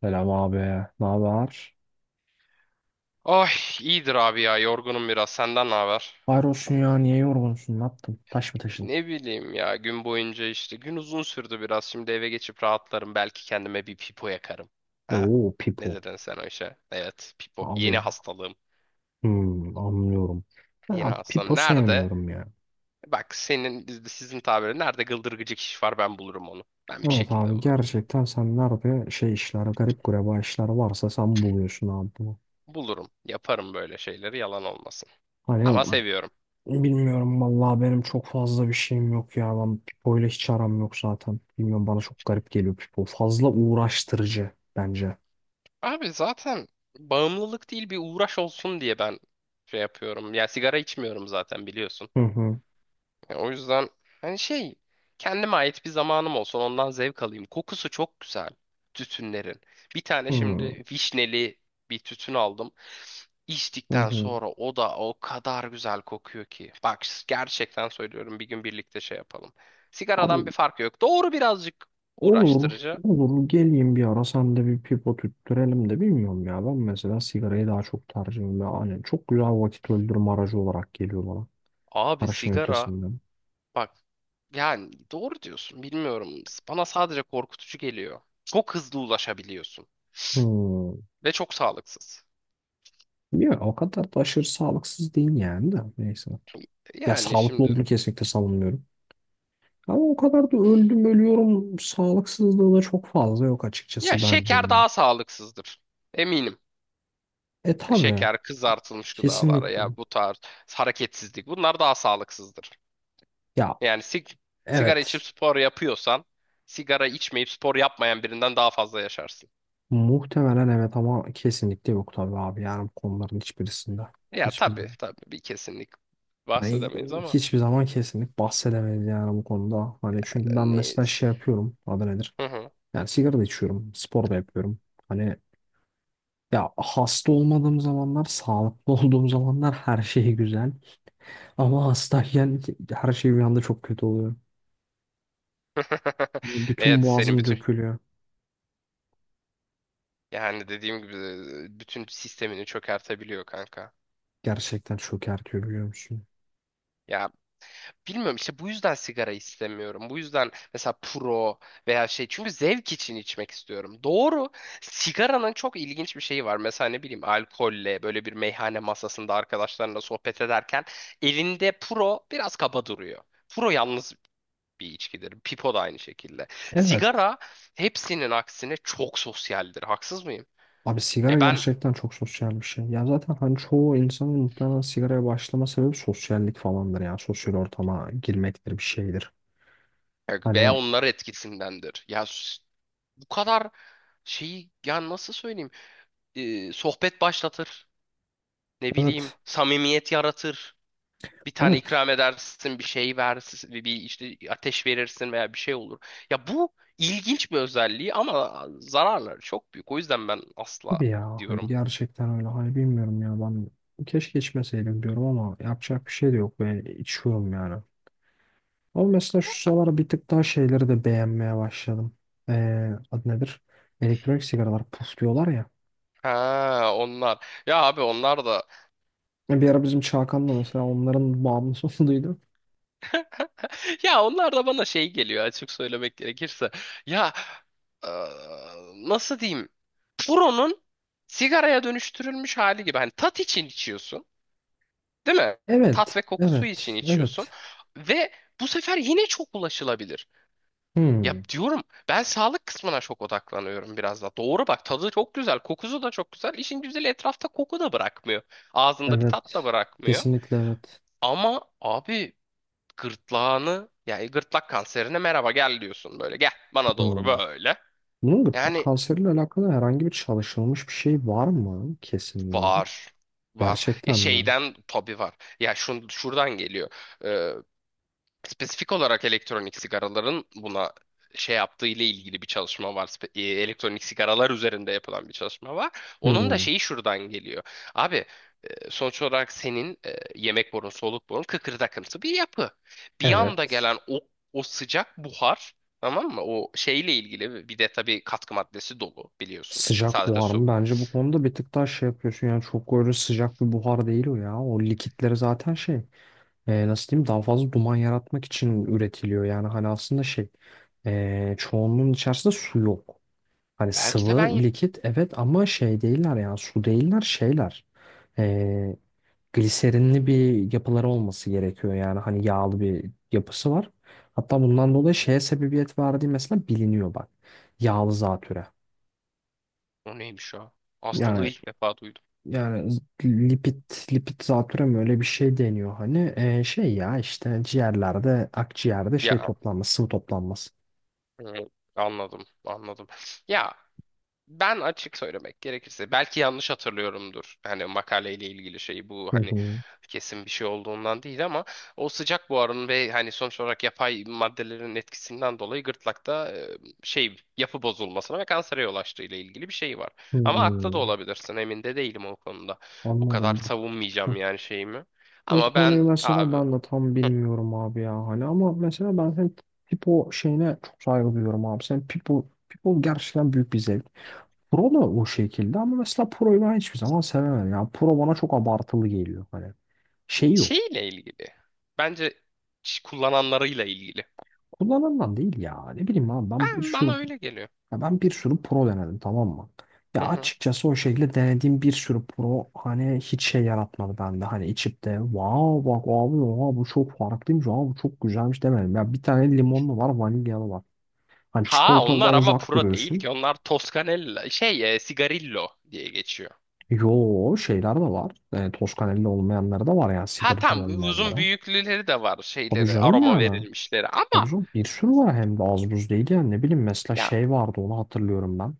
Selam abi. Ne haber? Ay iyidir abi ya, yorgunum biraz, senden ne haber? Hayrolsun ya. Niye yorgunsun? Ne yaptın? Taş mı taşın? Ne bileyim ya, gün boyunca işte gün uzun sürdü biraz. Şimdi eve geçip rahatlarım, belki kendime bir pipo yakarım. Ha? Oo, Ne Pipo. dedin sen o işe? Evet, pipo yeni Abim. hastalığım, Hmm, anlıyorum. Ben yeni abi hastalığım Pipo nerede? sevmiyorum ya. Bak senin bizde sizin tabiri nerede gıldırgıcık iş var, ben bulurum onu. Ben bir Evet şekilde abi bulurum. gerçekten sen nerede şey işler, garip gureba işler varsa sen buluyorsun abi bunu. Bulurum, yaparım böyle şeyleri, yalan olmasın. Hani Ama seviyorum. bilmiyorum vallahi benim çok fazla bir şeyim yok ya. Ben Pipo ile hiç aram yok zaten. Bilmiyorum bana çok garip geliyor Pipo. Fazla uğraştırıcı bence. Abi zaten bağımlılık değil, bir uğraş olsun diye ben şey yapıyorum. Ya sigara içmiyorum zaten, biliyorsun. Hı hı. O yüzden hani şey, kendime ait bir zamanım olsun, ondan zevk alayım. Kokusu çok güzel tütünlerin. Bir tane Hı şimdi vişneli bir tütün aldım. hı. İçtikten Hı. sonra o da o kadar güzel kokuyor ki. Bak gerçekten söylüyorum, bir gün birlikte şey yapalım. Sigaradan bir Abi farkı yok. Doğru, birazcık olur, uğraştırıcı. olur. Geleyim bir ara sen de bir pipo tüttürelim de bilmiyorum ya. Ben mesela sigarayı daha çok tercih ediyorum. Yani çok güzel vakit öldürme aracı olarak geliyor bana. Abi Her şeyin sigara, ötesinden. bak yani doğru diyorsun, bilmiyorum. Bana sadece korkutucu geliyor. Çok hızlı ulaşabiliyorsun Hmm. ve çok sağlıksız. Ya, o kadar da aşırı sağlıksız değil yani de. Neyse. Ya Yani sağlıklı olduğunu şimdi kesinlikle savunmuyorum. Ama o kadar da öldüm ölüyorum. Sağlıksızlığı da çok fazla yok ya açıkçası bence. şeker daha sağlıksızdır. Eminim. E tabii. Şeker, kızartılmış gıdalar Kesinlikle. ya, bu tarz hareketsizlik, bunlar daha sağlıksızdır. Ya Yani sigara içip evet. spor yapıyorsan, sigara içmeyip spor yapmayan birinden daha fazla yaşarsın. Muhtemelen evet ama kesinlikle yok tabii abi yani bu konuların hiçbirisinde. Ya Hiçbir, tabii tabii, bir kesinlik Yani bahsedemeyiz ama hiçbir zaman kesinlik bahsedemeyiz yani bu konuda. Hani çünkü ben mesela neyiz. şey yapıyorum adı nedir? Hı hı. Yani sigara da içiyorum, spor da yapıyorum. Hani ya hasta olmadığım zamanlar, sağlıklı olduğum zamanlar her şey güzel. Ama hastayken her şey bir anda çok kötü oluyor. Bütün Evet, senin boğazım bütün, dökülüyor. yani dediğim gibi bütün sistemini çökertebiliyor kanka. Gerçekten çok ertiyor biliyor musun? Ya bilmiyorum işte, bu yüzden sigara istemiyorum. Bu yüzden mesela pro veya şey, çünkü zevk için içmek istiyorum. Doğru. Sigaranın çok ilginç bir şeyi var. Mesela ne bileyim, alkolle böyle bir meyhane masasında arkadaşlarınla sohbet ederken elinde pro biraz kaba duruyor. Pro yalnız bir içkidir. Pipo da aynı şekilde. Evet. Sigara, hepsinin aksine çok sosyaldir. Haksız mıyım? Abi sigara Ya ben gerçekten çok sosyal bir şey. Ya zaten hani çoğu insanın muhtemelen sigaraya başlama sebebi sosyallik falandır ya. Sosyal ortama girmektir bir şeydir. veya Hani onlar etkisindendir. Bu kadar şeyi, ya nasıl söyleyeyim? Sohbet başlatır. Ne bileyim, evet. samimiyet yaratır. Bir tane Evet ikram edersin, bir şey versin, bir işte ateş verirsin veya bir şey olur. Ya bu ilginç bir özelliği ama zararları çok büyük. O yüzden ben asla tabii ya. Hani diyorum. gerçekten öyle. Hani bilmiyorum ya ben keşke içmeseydim diyorum ama yapacak bir şey de yok. Ben içiyorum yani. Ama mesela şu sıralar bir tık daha şeyleri de beğenmeye başladım. Adı nedir? Elektronik sigaralar puf diyorlar ya. Ha, onlar. Ya abi onlar da, Bir ara bizim Çağkan'la mesela onların bağımlısı olduğunu duydum. ya onlar da bana şey geliyor, açık söylemek gerekirse. Ya eee, nasıl diyeyim? Puro'nun sigaraya dönüştürülmüş hali gibi. Hani tat için içiyorsun. Değil mi? Evet. Tat ve kokusu için Evet, içiyorsun. evet. Ve bu sefer yine çok ulaşılabilir. Ya Hmm, diyorum, ben sağlık kısmına çok odaklanıyorum biraz da. Doğru, bak tadı çok güzel, kokusu da çok güzel. İşin güzeli, etrafta koku da bırakmıyor. Ağzında bir tat da evet. bırakmıyor. Kesinlikle evet. Ama abi gırtlağını, yani gırtlak kanserine merhaba gel diyorsun böyle. Gel bana doğru Hmm. böyle. Bunun gırtlak Yani kanseriyle alakalı herhangi bir çalışılmış bir şey var mı? Kesinliği. var. Var. Ya Gerçekten mi? şeyden tabii var. Ya şuradan geliyor. Ee, Spesifik olarak elektronik sigaraların buna şey yaptığı ile ilgili bir çalışma var. Elektronik sigaralar üzerinde yapılan bir çalışma var. Onun da Hmm, şeyi şuradan geliyor. Abi, sonuç olarak senin yemek borun, soluk borun kıkırdakımsı bir yapı. Bir anda evet. gelen o sıcak buhar, tamam mı? O şeyle ilgili, bir de tabii katkı maddesi dolu, biliyorsun. Sıcak Sadece buhar su. mı? Bence bu konuda bir tık daha şey yapıyorsun. Yani çok öyle sıcak bir buhar değil o ya. O likitleri zaten şey. Nasıl diyeyim? Daha fazla duman yaratmak için üretiliyor. Yani hani aslında şey. Çoğunluğun içerisinde su yok. Hani Belki de ben sıvı, ye. likit evet ama şey değiller yani su değiller şeyler. Ee, Gliserinli bir yapıları olması gerekiyor yani hani yağlı bir yapısı var. Hatta bundan dolayı şeye sebebiyet verdiği mesela biliniyor bak. Yağlı zatüre. O neymiş o? Hastalığı Yani ilk defa duydum. yani lipid lipid zatüre mi öyle bir şey deniyor hani. Şey ya işte ciğerlerde akciğerde şey Ya toplanması, sıvı toplanması. e, anladım. Ya ben açık söylemek gerekirse belki yanlış hatırlıyorumdur. Hani makaleyle ilgili şey, bu Hı hani hı. kesin bir şey olduğundan değil ama o sıcak buharın ve hani sonuç olarak yapay maddelerin etkisinden dolayı gırtlakta şey, yapı bozulmasına ve kansere yol açtığı ile ilgili bir şey var. Ama haklı da Hmm, olabilirsin, emin de değilim o konuda. Bu kadar anladım bak. savunmayacağım yani şeyimi. O Ama ben konuyu mesela abi ben de tam bilmiyorum abi ya hani ama mesela ben hem Pipo şeyine çok saygı duyuyorum abi. Sen Pipo Pipo gerçekten büyük bir zevk. Pro da o şekilde ama mesela Pro'yu ben hiçbir zaman sevemedim. Yani Pro bana çok abartılı geliyor hani. Şey yok. şeyle ilgili, bence kullananlarıyla ilgili. Kullanılan değil ya. Ne bileyim abi ben bir Ben, sürü. bana öyle geliyor. Ya ben bir sürü pro denedim tamam mı? Ya açıkçası o şekilde denediğim bir sürü pro hani hiç şey yaratmadı bende. Hani içip de wow bak abi oha bu çok farklıymış abi bu çok güzelmiş demedim. Ya bir tane limonlu var vanilyalı var. Hani Ha onlar çikolatalıdan ama uzak pro değil duruyorsun. ki. Onlar Toscanella şey, Sigarillo diye geçiyor. Yo şeyler de var. Toskanelli olmayanları da var yani Ha, sigaretli tam uzun olmayanlara. büyüklüleri de var, Tabii şeyleri canım aroma yani. verilmişleri, Tabii ama canım bir sürü var hem de az buz değil yani ne bileyim mesela ya şey vardı onu hatırlıyorum ben.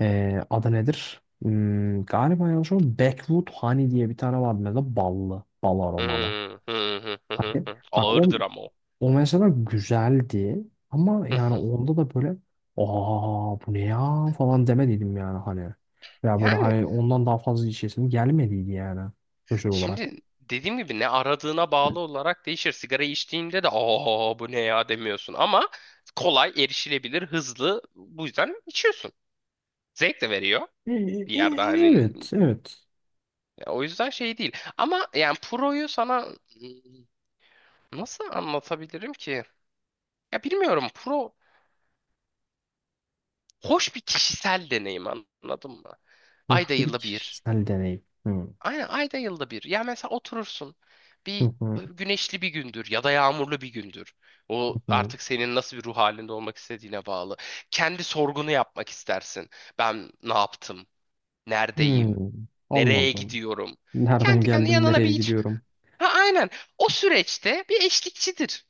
Adı nedir? Hmm, galiba yanlış o Backwood Honey diye bir tane vardı mesela ballı, bal hı, aromalı. hı, Hani hı. bak o ağırdır ama o. Mesela güzeldi ama Hı, yani hı. onda da böyle aa bu ne ya falan demediydim yani hani. Ya böyle Yani hani ondan daha fazla içesim gelmediydi yani özel olarak. şimdi dediğim gibi, ne aradığına bağlı olarak değişir. Sigara içtiğinde de aa bu ne ya demiyorsun ama kolay erişilebilir, hızlı, bu yüzden içiyorsun. Zevk de veriyor E- e- bir e- yerde, hani, evet, evet. o yüzden şey değil. Ama yani Pro'yu sana nasıl anlatabilirim ki? Ya bilmiyorum. Pro hoş bir kişisel deneyim, anladın mı? Hoş Ayda bir yılda bir. kişisel deneyim. Hmm. Aynen, ayda yılda bir. Ya mesela oturursun. Hı Bir hı, güneşli bir gündür, ya da yağmurlu bir gündür. O hı hı. artık senin nasıl bir ruh halinde olmak istediğine bağlı. Kendi sorgunu yapmak istersin. Ben ne yaptım? Neredeyim? Hmm, Nereye anladım. gidiyorum? Nereden Kendi kendine geldim, yanına bir nereye iç. gidiyorum? Ha, aynen. O süreçte bir eşlikçidir.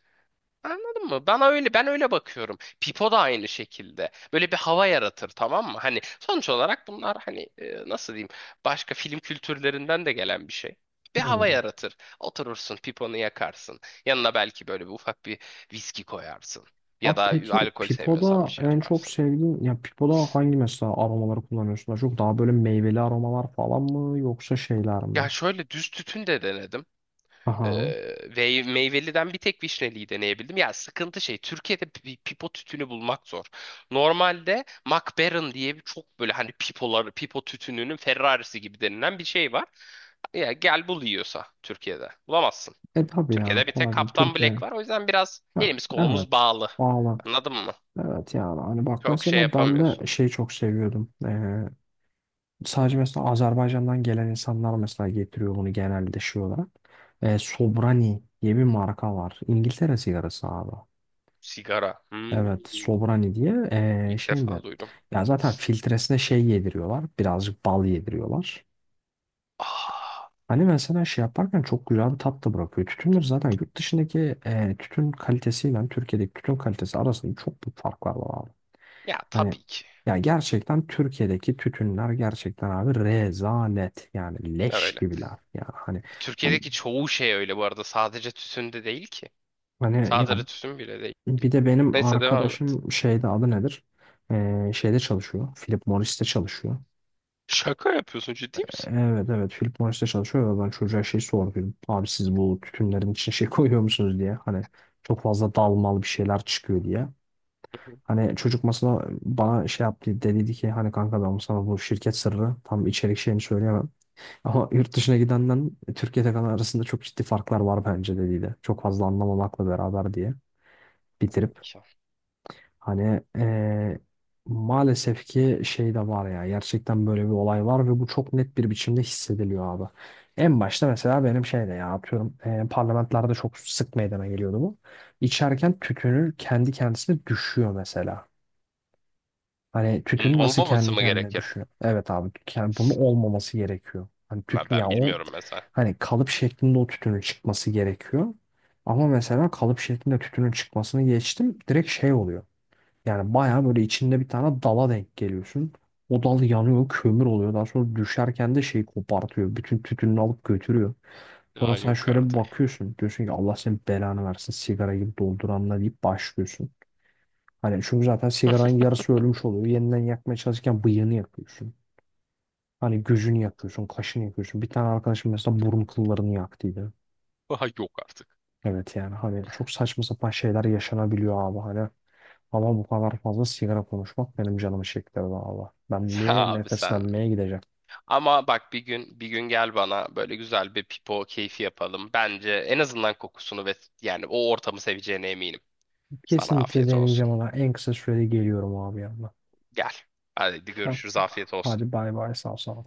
Anladın mı? Bana öyle, ben öyle bakıyorum. Pipo da aynı şekilde. Böyle bir hava yaratır, tamam mı? Hani sonuç olarak bunlar hani nasıl diyeyim, başka film kültürlerinden de gelen bir şey. Bir hava yaratır. Oturursun, piponu yakarsın. Yanına belki böyle bir ufak bir viski koyarsın. Ya Abi da peki alkol sevmiyorsan bir Pipo'da şey en çok yaparsın. sevdiğin ya Pipo'da hangi mesela aromaları kullanıyorsun? Daha çok daha böyle meyveli aromalar falan mı yoksa şeyler mi? Ya şöyle düz tütün de denedim. Aha. Ve meyveliden bir tek vişneliyi deneyebildim. Ya sıkıntı şey, Türkiye'de pipo tütünü bulmak zor. Normalde MacBaron diye bir çok böyle hani pipoları, pipo tütününün Ferrarisi gibi denilen bir şey var. Ya gel bul yiyorsa Türkiye'de. Bulamazsın. E tabii ya Türkiye'de bir tek kolay değil. Kaptan Black Türkiye. var. O yüzden biraz Ha, elimiz kolumuz evet. bağlı. Valla. Anladın mı? Evet yani hani bak Çok şey mesela ben de yapamıyorsun. şeyi çok seviyordum. Sadece mesela Azerbaycan'dan gelen insanlar mesela getiriyor bunu genelde şey olarak. Sobrani diye bir marka var. İngiltere sigarası abi. Sigara. Evet, Hmm. Sobrani diye İlk şeyinde defa duydum. ya zaten filtresine şey yediriyorlar. Birazcık bal yediriyorlar. Ah, Hani mesela şey yaparken çok güzel bir tat da bırakıyor. Tütünler zaten yurt dışındaki tütün kalitesiyle Türkiye'deki tütün kalitesi arasında çok büyük farklar var abi. ya Hani tabii ki. ya gerçekten Türkiye'deki tütünler gerçekten abi rezalet yani leş Öyle. gibiler. Yani hani ben- Türkiye'deki çoğu şey öyle bu arada. Sadece tütün değil ki. hani Sadece ya tütün bile değil. bir de benim Neyse, devam et. arkadaşım şeyde adı nedir? Şeyde çalışıyor. Philip Morris'te çalışıyor. Şaka yapıyorsun, ciddi misin? Evet evet Philip Morris'te çalışıyor ve ben çocuğa şey sordum. Abi siz bu tütünlerin için şey koyuyor musunuz diye. Hani çok fazla dalmalı bir şeyler çıkıyor diye. Hı hı. Hani çocuk masada bana şey yaptı dediydi ki hani kanka ben sana bu şirket sırrı tam içerik şeyini söyleyemem. Ama yurt dışına gidenden Türkiye'de kalan arasında çok ciddi farklar var bence dediydi. Çok fazla anlamamakla beraber diye Tabii bitirip. ki. Hani maalesef ki şey de var ya gerçekten böyle bir olay var ve bu çok net bir biçimde hissediliyor abi. En başta mesela benim şeyde ya atıyorum parlamentlerde çok sık meydana geliyordu bu. İçerken tütünü kendi kendisine düşüyor mesela. Hani Bunun tütün nasıl olmaması kendi mı kendine gerekir? düşüyor? Evet abi yani bunun olmaması gerekiyor. Hani tütün Ben ya o bilmiyorum mesela. hani kalıp şeklinde o tütünün çıkması gerekiyor. Ama mesela kalıp şeklinde tütünün çıkmasını geçtim direkt şey oluyor. Yani bayağı böyle içinde bir tane dala denk geliyorsun. O dal yanıyor, kömür oluyor. Daha sonra düşerken de şeyi kopartıyor. Bütün tütününü alıp götürüyor. Aa Sonra sen yok şöyle bir artık. bakıyorsun. Diyorsun ki Allah senin belanı versin sigara gibi dolduranla deyip başlıyorsun. Hani çünkü zaten sigaranın yarısı ölmüş oluyor. Yeniden yakmaya çalışırken bıyığını yakıyorsun. Hani gözünü yakıyorsun, kaşını yakıyorsun. Bir tane arkadaşım mesela burun kıllarını yaktıydı. Aha yok artık. Evet yani hani çok saçma sapan şeyler yaşanabiliyor abi. Hani ama bu kadar fazla sigara konuşmak benim canımı çektirdi valla. Ben bir Abi sen. nefeslenmeye gideceğim. Ama bak, bir gün gel bana böyle güzel bir pipo keyfi yapalım. Bence en azından kokusunu ve yani o ortamı seveceğine eminim. Sana Kesinlikle afiyet olsun. deneyeceğim ama en kısa sürede geliyorum abi yanına. Gel. Hadi Tamam. görüşürüz. Afiyet olsun. Hadi bay bay sağ ol sana.